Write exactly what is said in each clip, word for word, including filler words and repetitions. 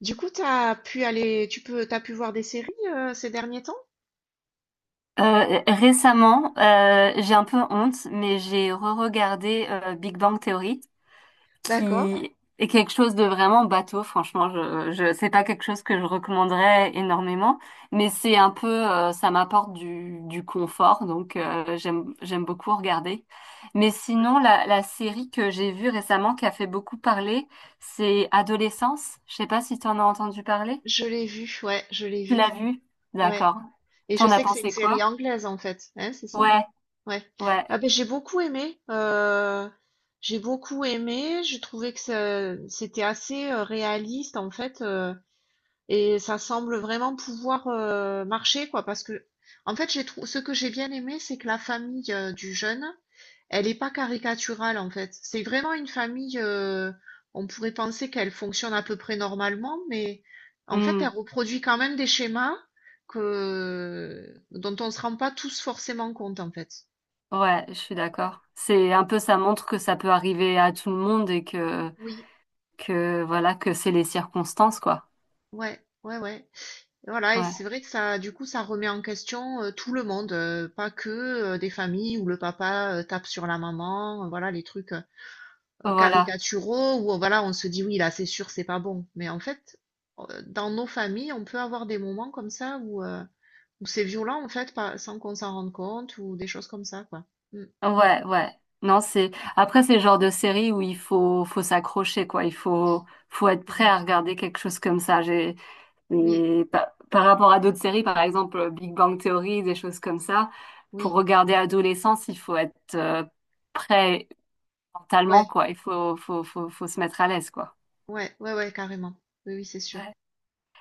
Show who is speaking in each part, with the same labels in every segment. Speaker 1: Du coup, t'as pu aller, tu peux, t'as pu voir des séries euh, ces derniers temps?
Speaker 2: Euh, récemment, euh, j'ai un peu honte, mais j'ai re-regardé euh, Big Bang Theory,
Speaker 1: D'accord.
Speaker 2: qui est quelque chose de vraiment bateau. Franchement, je, je, c'est pas quelque chose que je recommanderais énormément, mais c'est un peu, euh, ça m'apporte du, du confort, donc euh, j'aime, j'aime beaucoup regarder. Mais
Speaker 1: Ouais.
Speaker 2: sinon, la, la série que j'ai vue récemment qui a fait beaucoup parler, c'est Adolescence. Je sais pas si tu en as entendu parler.
Speaker 1: Je l'ai vu, ouais, je l'ai
Speaker 2: Tu
Speaker 1: vu,
Speaker 2: l'as vue?
Speaker 1: ouais.
Speaker 2: D'accord.
Speaker 1: Et je
Speaker 2: T'en as
Speaker 1: sais que c'est une
Speaker 2: pensé
Speaker 1: série
Speaker 2: quoi?
Speaker 1: anglaise en fait, hein, c'est ça?
Speaker 2: Ouais.
Speaker 1: Ouais.
Speaker 2: Ouais.
Speaker 1: Ah ben j'ai beaucoup aimé, euh, j'ai beaucoup aimé. J'ai trouvé que ça- c'était assez euh, réaliste en fait, euh, et ça semble vraiment pouvoir euh, marcher quoi, parce que en fait j'ai trou- ce que j'ai bien aimé, c'est que la famille euh, du jeune, Elle est pas caricaturale en fait. C'est vraiment une famille, euh, on pourrait penser qu'elle fonctionne à peu près normalement, mais en fait, elle
Speaker 2: Hmm.
Speaker 1: reproduit quand même des schémas que, dont on ne se rend pas tous forcément compte en fait.
Speaker 2: Ouais, je suis d'accord. C'est un
Speaker 1: Et-
Speaker 2: peu, ça montre que ça peut arriver à tout le monde et que,
Speaker 1: Oui,
Speaker 2: que voilà, que c'est les circonstances, quoi.
Speaker 1: ouais, ouais, ouais. Et voilà, et c'est
Speaker 2: Ouais,
Speaker 1: vrai que ça, du coup, ça remet en question euh, tout le monde, euh, pas que euh, des familles où le papa euh, tape sur la maman, euh, voilà, les trucs. euh,
Speaker 2: voilà.
Speaker 1: caricaturaux où euh, voilà, on se dit oui, là c'est sûr, c'est pas bon. Mais en fait, euh, dans nos familles, on peut avoir des moments comme ça où, euh, où c'est violent en fait, pas- sans qu'on s'en rende compte ou des choses comme ça, quoi. Mm.
Speaker 2: Ouais, ouais. Non, c'est, après, c'est le genre de série où il faut, faut s'accrocher, quoi. Il faut, faut être prêt
Speaker 1: Ouais,
Speaker 2: à regarder quelque chose comme ça. J'ai,
Speaker 1: oui,
Speaker 2: et pa- par rapport à d'autres séries, par exemple, Big Bang Theory, des choses comme ça, pour
Speaker 1: oui,
Speaker 2: regarder Adolescence, il faut être euh, prêt mentalement,
Speaker 1: ouais,
Speaker 2: quoi. Il faut, faut, faut, faut se mettre à l'aise, quoi.
Speaker 1: ouais, ouais, ouais, carrément. Oui, oui, c'est sûr.
Speaker 2: Ouais.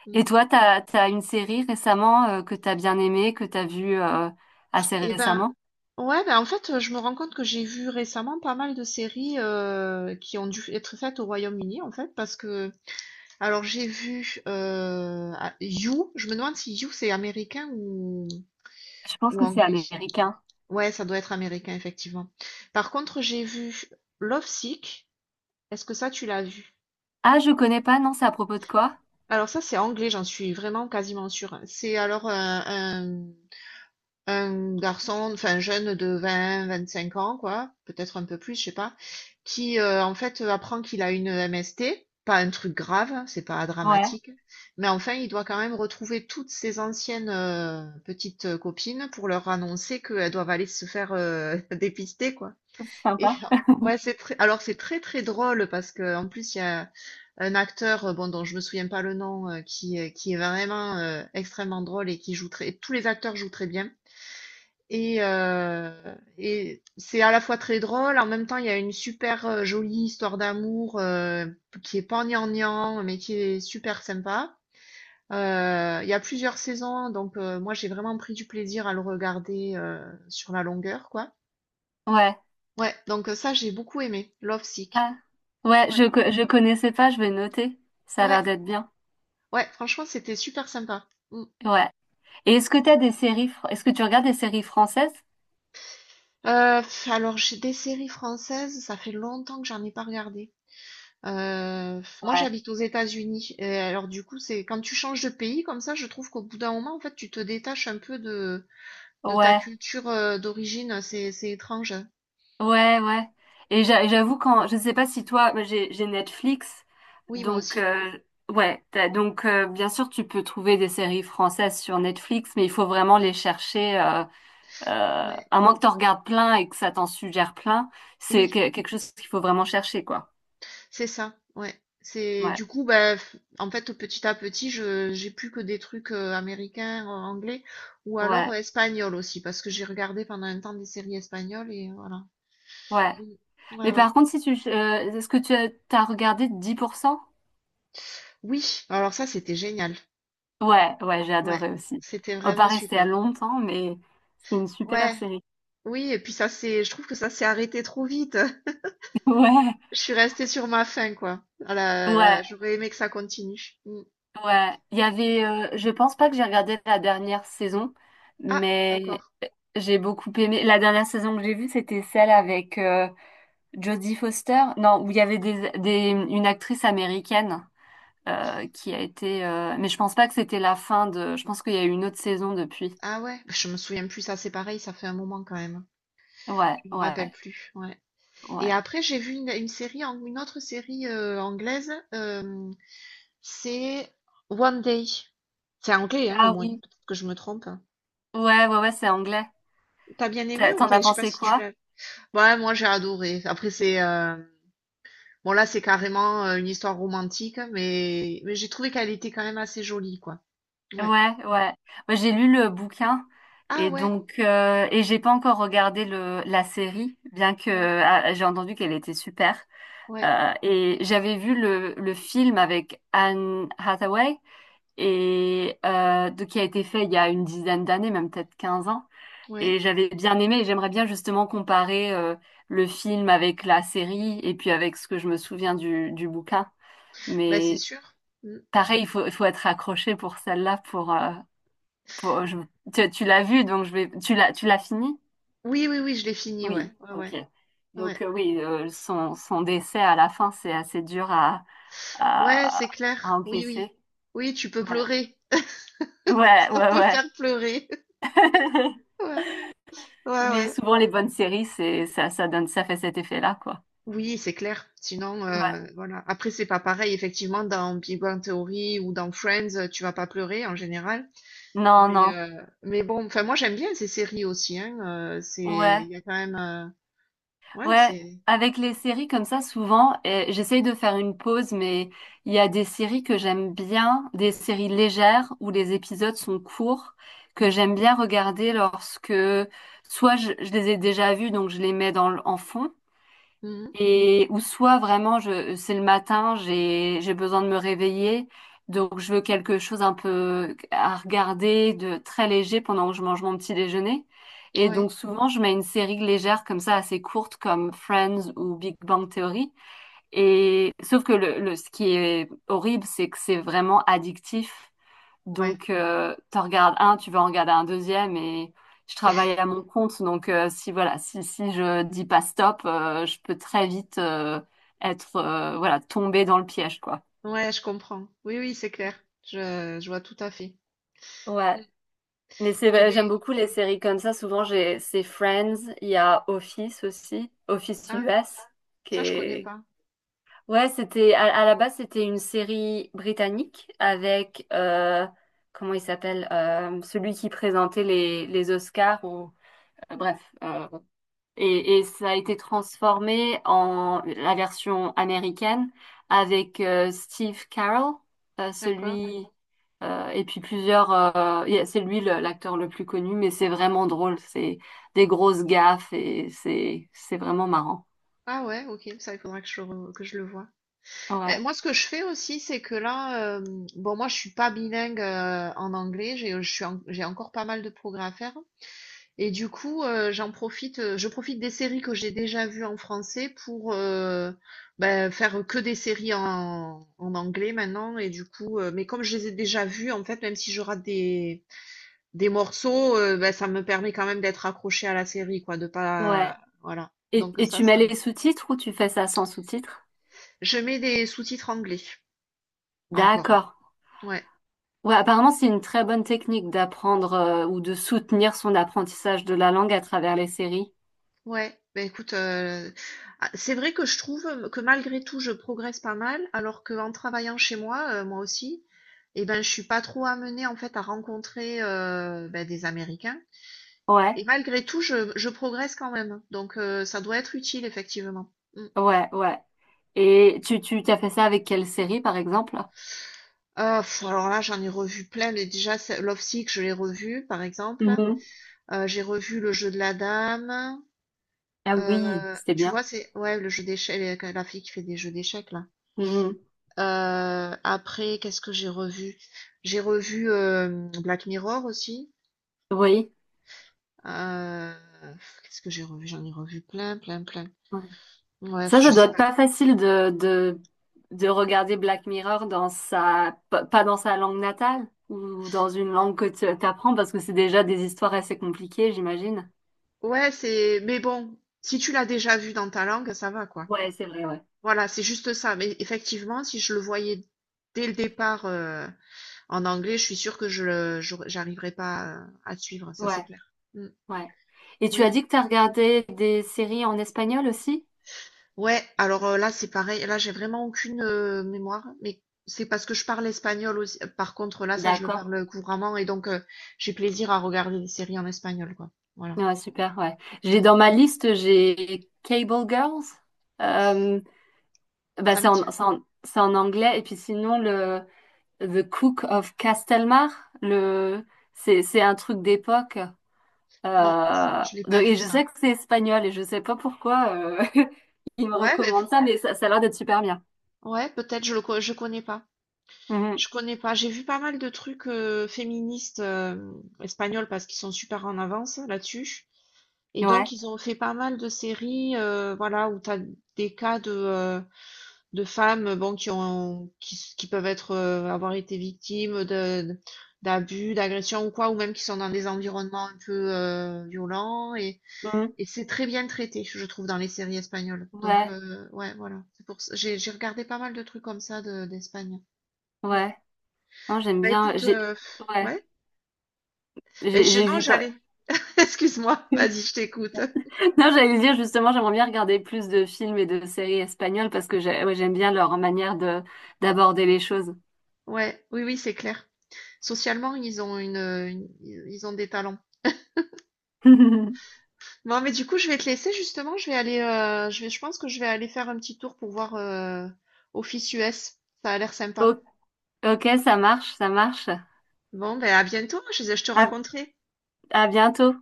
Speaker 1: Mm.
Speaker 2: Et toi, t'as, t'as une série récemment euh, que t'as bien aimée, que t'as vue euh, assez
Speaker 1: Eh ben,
Speaker 2: récemment?
Speaker 1: ouais, ben en fait, euh, je me rends compte que j'ai vu récemment pas mal de séries euh, qui ont dû être faites au Royaume-Uni, en fait, parce que, alors j'ai vu euh, ah, You, je me demande si You c'est américain ou,
Speaker 2: Je pense
Speaker 1: Ou
Speaker 2: que c'est
Speaker 1: anglais.
Speaker 2: américain.
Speaker 1: Ouais, ça doit être américain, effectivement. Par contre, j'ai vu *Love Sick*. Est-ce que ça, tu l'as vu?
Speaker 2: Ah, je connais pas, non, c'est à propos de quoi?
Speaker 1: Alors ça, c'est anglais, j'en suis vraiment quasiment sûre. C'est alors un, un- un garçon, enfin jeune de vingt, vingt-cinq ans, quoi, peut-être un peu plus, je sais pas, qui euh, en fait apprend qu'il a une M S T. Pas un truc grave, hein, c'est pas
Speaker 2: Ouais,
Speaker 1: dramatique, mais enfin, il doit quand même retrouver toutes ses anciennes euh, petites copines pour leur annoncer qu'elles doivent aller se faire euh, dépister, quoi.
Speaker 2: c'est
Speaker 1: Et
Speaker 2: sympa.
Speaker 1: ouais, c'est très alors c'est très, très drôle parce que en plus, il y a un acteur, heu, bon, dont je me souviens pas le nom, heu, qui, heu, qui est vraiment, heu, extrêmement drôle et qui joue très tous les acteurs jouent très bien et heu et c'est à la fois très drôle, en même temps, il y a une super, heu, jolie histoire d'amour, heu, qui est pas gnangnan, mais qui est super sympa. Heu, il y a plusieurs saisons, donc heu, moi, j'ai vraiment pris du plaisir à le regarder, heu, sur la longueur, quoi.
Speaker 2: Ouais.
Speaker 1: Ouais, donc heu, ça, j'ai beaucoup aimé, Lovesick.
Speaker 2: Ah. Ouais,
Speaker 1: Ouais.
Speaker 2: je, co- je connaissais pas, je vais noter. Ça a
Speaker 1: Ouais,
Speaker 2: l'air d'être bien.
Speaker 1: ouais, franchement, c'était super sympa. Mm.
Speaker 2: Ouais. Et est-ce que t'as des séries, fr- est-ce que tu regardes des séries françaises?
Speaker 1: Euh, pff, alors, j'ai des séries françaises, ça fait longtemps que j'en ai pas regardé. Euh, pff, moi,
Speaker 2: Ouais.
Speaker 1: j'habite aux États-Unis. Et alors, du coup, c'est quand tu changes de pays comme ça, je trouve qu'au bout d'un moment, en fait, tu te détaches un peu de, de ta
Speaker 2: Ouais.
Speaker 1: culture euh, d'origine. C'est, c'est étrange.
Speaker 2: Ouais, ouais. Et j'a- j'avoue quand, je sais pas si toi, moi, j'ai j'ai Netflix,
Speaker 1: Oui, moi
Speaker 2: donc
Speaker 1: aussi.
Speaker 2: euh, ouais, t'as- donc euh, bien sûr tu peux trouver des séries françaises sur Netflix, mais il faut vraiment les chercher, euh, euh,
Speaker 1: Ouais.
Speaker 2: à moins que t'en regardes plein et que ça t'en suggère plein, c'est
Speaker 1: Oui.
Speaker 2: que- quelque chose qu'il faut vraiment chercher quoi.
Speaker 1: C'est ça, ouais. C'est
Speaker 2: Ouais,
Speaker 1: du coup, bah, f- en fait, petit à petit, je j'ai plus que des trucs euh, américains, euh, anglais, ou alors euh,
Speaker 2: ouais,
Speaker 1: espagnols aussi, parce que j'ai regardé pendant un temps des séries espagnoles et voilà.
Speaker 2: ouais.
Speaker 1: Mm. Ouais,
Speaker 2: Mais
Speaker 1: ouais.
Speaker 2: par contre, si tu, euh, est-ce que tu as t'as regardé dix pour cent.
Speaker 1: Oui, alors ça, c'était génial.
Speaker 2: Ouais, ouais, j'ai
Speaker 1: Ouais,
Speaker 2: adoré aussi.
Speaker 1: c'était
Speaker 2: On va pas
Speaker 1: vraiment
Speaker 2: rester à
Speaker 1: super.
Speaker 2: longtemps, mais c'est une super
Speaker 1: Ouais,
Speaker 2: série.
Speaker 1: oui, et puis ça, c'est, je trouve que ça s'est arrêté trop vite.
Speaker 2: Ouais.
Speaker 1: Je suis restée sur ma faim, quoi. Ah là, là,
Speaker 2: Ouais.
Speaker 1: j'aurais aimé que ça continue. Mm.
Speaker 2: Ouais, il y avait, euh, je pense pas que j'ai regardé la dernière saison,
Speaker 1: Ah,
Speaker 2: mais
Speaker 1: d'accord.
Speaker 2: j'ai beaucoup aimé. La dernière saison que j'ai vue, c'était celle avec euh, Jodie Foster. Non, où il y avait des, des, une actrice américaine euh, qui a été. euh, Mais je pense pas que c'était la fin de. Je pense qu'il y a eu une autre saison depuis.
Speaker 1: Ah ouais, je me souviens plus, ça, c'est pareil, ça fait un moment quand même.
Speaker 2: Ouais,
Speaker 1: Je me
Speaker 2: ouais,
Speaker 1: rappelle plus, ouais. Et
Speaker 2: ouais.
Speaker 1: après, j'ai vu une, une série, ang- une autre série euh, anglaise, euh, c'est One Day. C'est anglais, hein, au
Speaker 2: Ah
Speaker 1: moins.
Speaker 2: oui.
Speaker 1: Peut-être que je me trompe, hein.
Speaker 2: Ouais, ouais, ouais, c'est anglais.
Speaker 1: T'as bien aimé
Speaker 2: T'as-
Speaker 1: ou...
Speaker 2: T'en
Speaker 1: Enfin,
Speaker 2: as
Speaker 1: je sais pas
Speaker 2: pensé
Speaker 1: si tu
Speaker 2: quoi?
Speaker 1: l'as. Ouais, moi j'ai adoré. Après, c'est... euh, bon, là, c'est carrément euh, une histoire romantique, mais, mais j'ai trouvé qu'elle était quand même assez jolie, quoi. Ouais.
Speaker 2: Ouais, ouais. Moi, j'ai lu le bouquin
Speaker 1: Ah
Speaker 2: et
Speaker 1: ouais,
Speaker 2: donc euh, et j'ai pas encore regardé le la série, bien que
Speaker 1: ouais,
Speaker 2: ah, j'ai entendu qu'elle était super.
Speaker 1: ouais,
Speaker 2: Euh, et j'avais vu le le film avec Anne Hathaway et euh, de- qui a été fait il y a une dizaine d'années, même peut-être quinze ans.
Speaker 1: ouais.
Speaker 2: Et j'avais bien aimé. Et j'aimerais bien justement comparer euh, le film avec la série et puis avec ce que je me souviens du du bouquin.
Speaker 1: Bah, c'est
Speaker 2: Mais
Speaker 1: sûr. Mm.
Speaker 2: pareil, il faut il faut être accroché pour celle-là pour euh, Bon, je- tu, tu l'as vu, donc je vais. Tu l'as, tu l'as fini?
Speaker 1: Oui, oui, oui, je l'ai fini, ouais.
Speaker 2: Oui,
Speaker 1: Ouais,
Speaker 2: ok.
Speaker 1: ouais, ouais.
Speaker 2: Donc euh, oui, euh, son, son décès à la fin, c'est assez dur à,
Speaker 1: Ouais,
Speaker 2: à,
Speaker 1: c'est
Speaker 2: à
Speaker 1: clair. Oui, oui.
Speaker 2: encaisser.
Speaker 1: Oui, tu peux
Speaker 2: Ouais,
Speaker 1: pleurer.
Speaker 2: ouais,
Speaker 1: Ça
Speaker 2: ouais,
Speaker 1: peut
Speaker 2: ouais.
Speaker 1: faire pleurer. Ouais, ouais,
Speaker 2: Mais
Speaker 1: ouais.
Speaker 2: souvent les bonnes séries, c'est ça, ça donne, ça fait cet effet-là, quoi.
Speaker 1: Oui, c'est clair. Sinon,
Speaker 2: Ouais.
Speaker 1: heu, voilà. Après, c'est pas pareil, effectivement, dans Big Bang Theory ou dans Friends, heu, tu vas pas pleurer en général.
Speaker 2: Non,
Speaker 1: Mais,
Speaker 2: non.
Speaker 1: heu, mais bon, enfin, moi, j'aime bien ces séries aussi, hein, heu, c'est
Speaker 2: Ouais.
Speaker 1: il y a quand même, heu, ouais,
Speaker 2: Ouais,
Speaker 1: c'est
Speaker 2: avec les séries comme ça, souvent, euh, j'essaye de faire une pause, mais il y a des séries que j'aime bien, des séries légères où les épisodes sont courts, que
Speaker 1: mmh.
Speaker 2: j'aime bien regarder lorsque soit je, je les ai déjà vues, donc je les mets dans, le- en fond,
Speaker 1: Mmh.
Speaker 2: et ou soit vraiment je c'est le matin, j'ai j'ai besoin de me réveiller, donc je veux quelque chose un peu à regarder de très léger pendant que je mange mon petit déjeuner. Et
Speaker 1: Ouais,
Speaker 2: donc souvent je mets une série légère comme ça assez courte comme Friends ou Big Bang Theory. Et sauf que le, le ce qui est horrible, c'est que c'est vraiment addictif.
Speaker 1: ouais.
Speaker 2: Donc, euh, t'en regardes un, tu vas en regarder un deuxième et je travaille à mon compte. Donc, euh, si voilà, si, si je dis pas stop, euh, je peux très vite euh, être euh, voilà tomber dans le piège quoi.
Speaker 1: Ouais, je comprends. Oui, oui, c'est clair. Je je vois tout à fait.
Speaker 2: Ouais,
Speaker 1: Mmh.
Speaker 2: mais c'est
Speaker 1: Eh
Speaker 2: vrai, j'aime
Speaker 1: beh
Speaker 2: beaucoup les séries comme ça. Souvent, j'ai c'est Friends, il y a Office aussi, Office
Speaker 1: ah,
Speaker 2: U S qui
Speaker 1: ça, je connais
Speaker 2: est
Speaker 1: pas.
Speaker 2: ouais, c'était à, à la base c'était une série britannique avec euh, comment il s'appelle euh, celui qui présentait les les Oscars ou Euh, Bref, euh, et, et ça a été transformé en la version américaine avec euh, Steve Carell, euh,
Speaker 1: D'accord.
Speaker 2: celui euh, et puis plusieurs. Euh, yeah, c'est lui le- l'acteur le plus connu, mais c'est vraiment drôle. C'est des grosses gaffes et c'est c'est vraiment marrant.
Speaker 1: Ah ouais, OK, ça, il faudra que je re que je le voie. Eh,
Speaker 2: Ouais,
Speaker 1: moi, ce que je fais aussi, c'est que là, euh, bon, moi, je suis pas bilingue euh, en anglais, j'ai, euh, je suis en- j'ai encore pas mal de progrès à faire. Et du coup, euh, j'en profite, euh, je profite des séries que j'ai déjà vues en français pour euh, ben, faire que des séries en, en anglais maintenant. Et du coup, euh, mais comme je les ai déjà vues, en fait, même si je rate des, des morceaux, euh, ben, ça me permet quand même d'être accroché à la série, quoi, de
Speaker 2: ouais.
Speaker 1: pas, voilà.
Speaker 2: Et,
Speaker 1: Donc
Speaker 2: et
Speaker 1: ça,
Speaker 2: tu mets
Speaker 1: ça me...
Speaker 2: les sous-titres ou tu fais ça sans sous-titres?
Speaker 1: Je mets des sous-titres anglais encore.
Speaker 2: D'accord.
Speaker 1: Ouais.
Speaker 2: Ouais, apparemment c'est une très bonne technique d'apprendre euh, ou de soutenir son apprentissage de la langue à travers les séries.
Speaker 1: Ouais, bah écoute, heu, ah, c'est vrai que je trouve, euh, que malgré tout, je progresse pas mal, alors qu'en travaillant chez moi, heu, moi aussi, et ben, je suis pas trop amenée, en fait, à rencontrer, heu, bah, des Américains et
Speaker 2: Ouais,
Speaker 1: malgré tout, je je progresse quand même, donc heu, ça doit être utile, effectivement. Mmh.
Speaker 2: ouais, ouais. Et tu, tu t'as fait ça avec quelle série, par exemple?
Speaker 1: Ah, alors là, j'en ai revu plein, mais déjà, c'est Love Sick, je l'ai revu, par exemple.
Speaker 2: Mhm.
Speaker 1: Heu, j'ai revu Le Jeu de la Dame,
Speaker 2: Ah oui,
Speaker 1: heu,
Speaker 2: c'était
Speaker 1: tu
Speaker 2: bien.
Speaker 1: vois, c'est ouais, le jeu d'échecs, la fille qui fait des jeux d'échecs, là.
Speaker 2: Mhm.
Speaker 1: Euh, après, qu'est-ce que j'ai revu? J'ai revu euh, Black Mirror aussi.
Speaker 2: Oui.
Speaker 1: Euh, qu'est-ce que j'ai revu? J'en ai revu plein, plein, plein.
Speaker 2: Ouais.
Speaker 1: Bref,
Speaker 2: Ça,
Speaker 1: je
Speaker 2: ça doit
Speaker 1: sais
Speaker 2: être
Speaker 1: pas.
Speaker 2: pas facile de, de, de regarder Black Mirror dans sa, p- pas dans sa langue natale ou dans une langue que tu apprends parce que c'est déjà des histoires assez compliquées, j'imagine.
Speaker 1: Ouais, c'est. Mais bon, si tu l'as déjà vu dans ta langue, ça va, quoi.
Speaker 2: Ouais, c'est vrai, ouais.
Speaker 1: Voilà, c'est juste ça. Mais effectivement, si je le voyais dès le départ euh, en anglais, je suis sûre que je le- j'aurais- j'arriverais pas à à suivre, ça c'est
Speaker 2: Ouais,
Speaker 1: clair. Mm.
Speaker 2: ouais. Et tu
Speaker 1: Oui,
Speaker 2: as
Speaker 1: oui.
Speaker 2: dit que tu as regardé des séries en espagnol aussi?
Speaker 1: Ouais, alors euh, là c'est pareil, là j'ai vraiment aucune euh, mémoire, mais c'est parce que je parle espagnol aussi. Par contre là ça je le
Speaker 2: D'accord.
Speaker 1: parle couramment et donc euh, j'ai plaisir à regarder des séries en espagnol quoi. Voilà.
Speaker 2: Ouais, super, ouais. J'ai
Speaker 1: Ouais,
Speaker 2: dans ma liste, j'ai Cable Girls. Euh, bah,
Speaker 1: ça
Speaker 2: c'est
Speaker 1: me tire.
Speaker 2: en, c'est en, c'est en anglais. Et puis sinon, le The Cook of Castelmar, le, c'est, c'est un truc d'époque.
Speaker 1: Non,
Speaker 2: Euh,
Speaker 1: je l'ai pas
Speaker 2: donc-
Speaker 1: vu
Speaker 2: et je
Speaker 1: ça.
Speaker 2: sais que c'est espagnol et je sais pas pourquoi euh, ils me
Speaker 1: Ouais, mais
Speaker 2: recommandent
Speaker 1: pour...
Speaker 2: ça, mais ça, ça a l'air d'être super bien.
Speaker 1: ouais, peut-être je le co- je connais pas.
Speaker 2: Mhm.
Speaker 1: Je connais pas. J'ai vu pas mal de trucs euh, féministes euh, espagnols parce qu'ils sont super en avance là-dessus. Et
Speaker 2: Ouais.
Speaker 1: donc ils ont fait pas mal de séries euh, voilà où t'as des cas de euh, de femmes euh, bon, qui ont, qui, qui peuvent être, euh, avoir été victimes de, d'abus, d'agressions ou quoi, ou même qui sont dans des environnements un peu euh, violents. Et,
Speaker 2: Mhm.
Speaker 1: et c'est très bien traité, je trouve, dans les séries espagnoles. Donc,
Speaker 2: Ouais,
Speaker 1: euh, ouais, voilà. C'est pour ça- J'ai, j'ai regardé pas mal de trucs comme ça de, d'Espagne. Mm.
Speaker 2: ouais. Non, j'aime
Speaker 1: Bah
Speaker 2: bien.
Speaker 1: écoute,
Speaker 2: J'ai,
Speaker 1: euh,
Speaker 2: ouais.
Speaker 1: ouais. Ben,
Speaker 2: J'ai
Speaker 1: je,
Speaker 2: j'ai
Speaker 1: non,
Speaker 2: vu pas.
Speaker 1: j'allais. Excuse-moi, vas-y, je t'écoute.
Speaker 2: Non, j'allais dire justement, j'aimerais bien regarder plus de films et de séries espagnoles parce que j'ai- ouais, j'aime bien leur manière de d'aborder les choses.
Speaker 1: Ouais, oui, oui, c'est clair. Socialement, ils ont une, une- ils ont des talents.
Speaker 2: O-
Speaker 1: Bon, mais du coup, je vais te laisser justement. Je vais aller, euh, je vais, je pense que je vais aller faire un petit tour pour voir euh, Office U S. Ça a l'air sympa.
Speaker 2: Ok, ça marche, ça marche.
Speaker 1: Bon, ben à bientôt. Je, je te
Speaker 2: À,
Speaker 1: raconterai.
Speaker 2: à bientôt.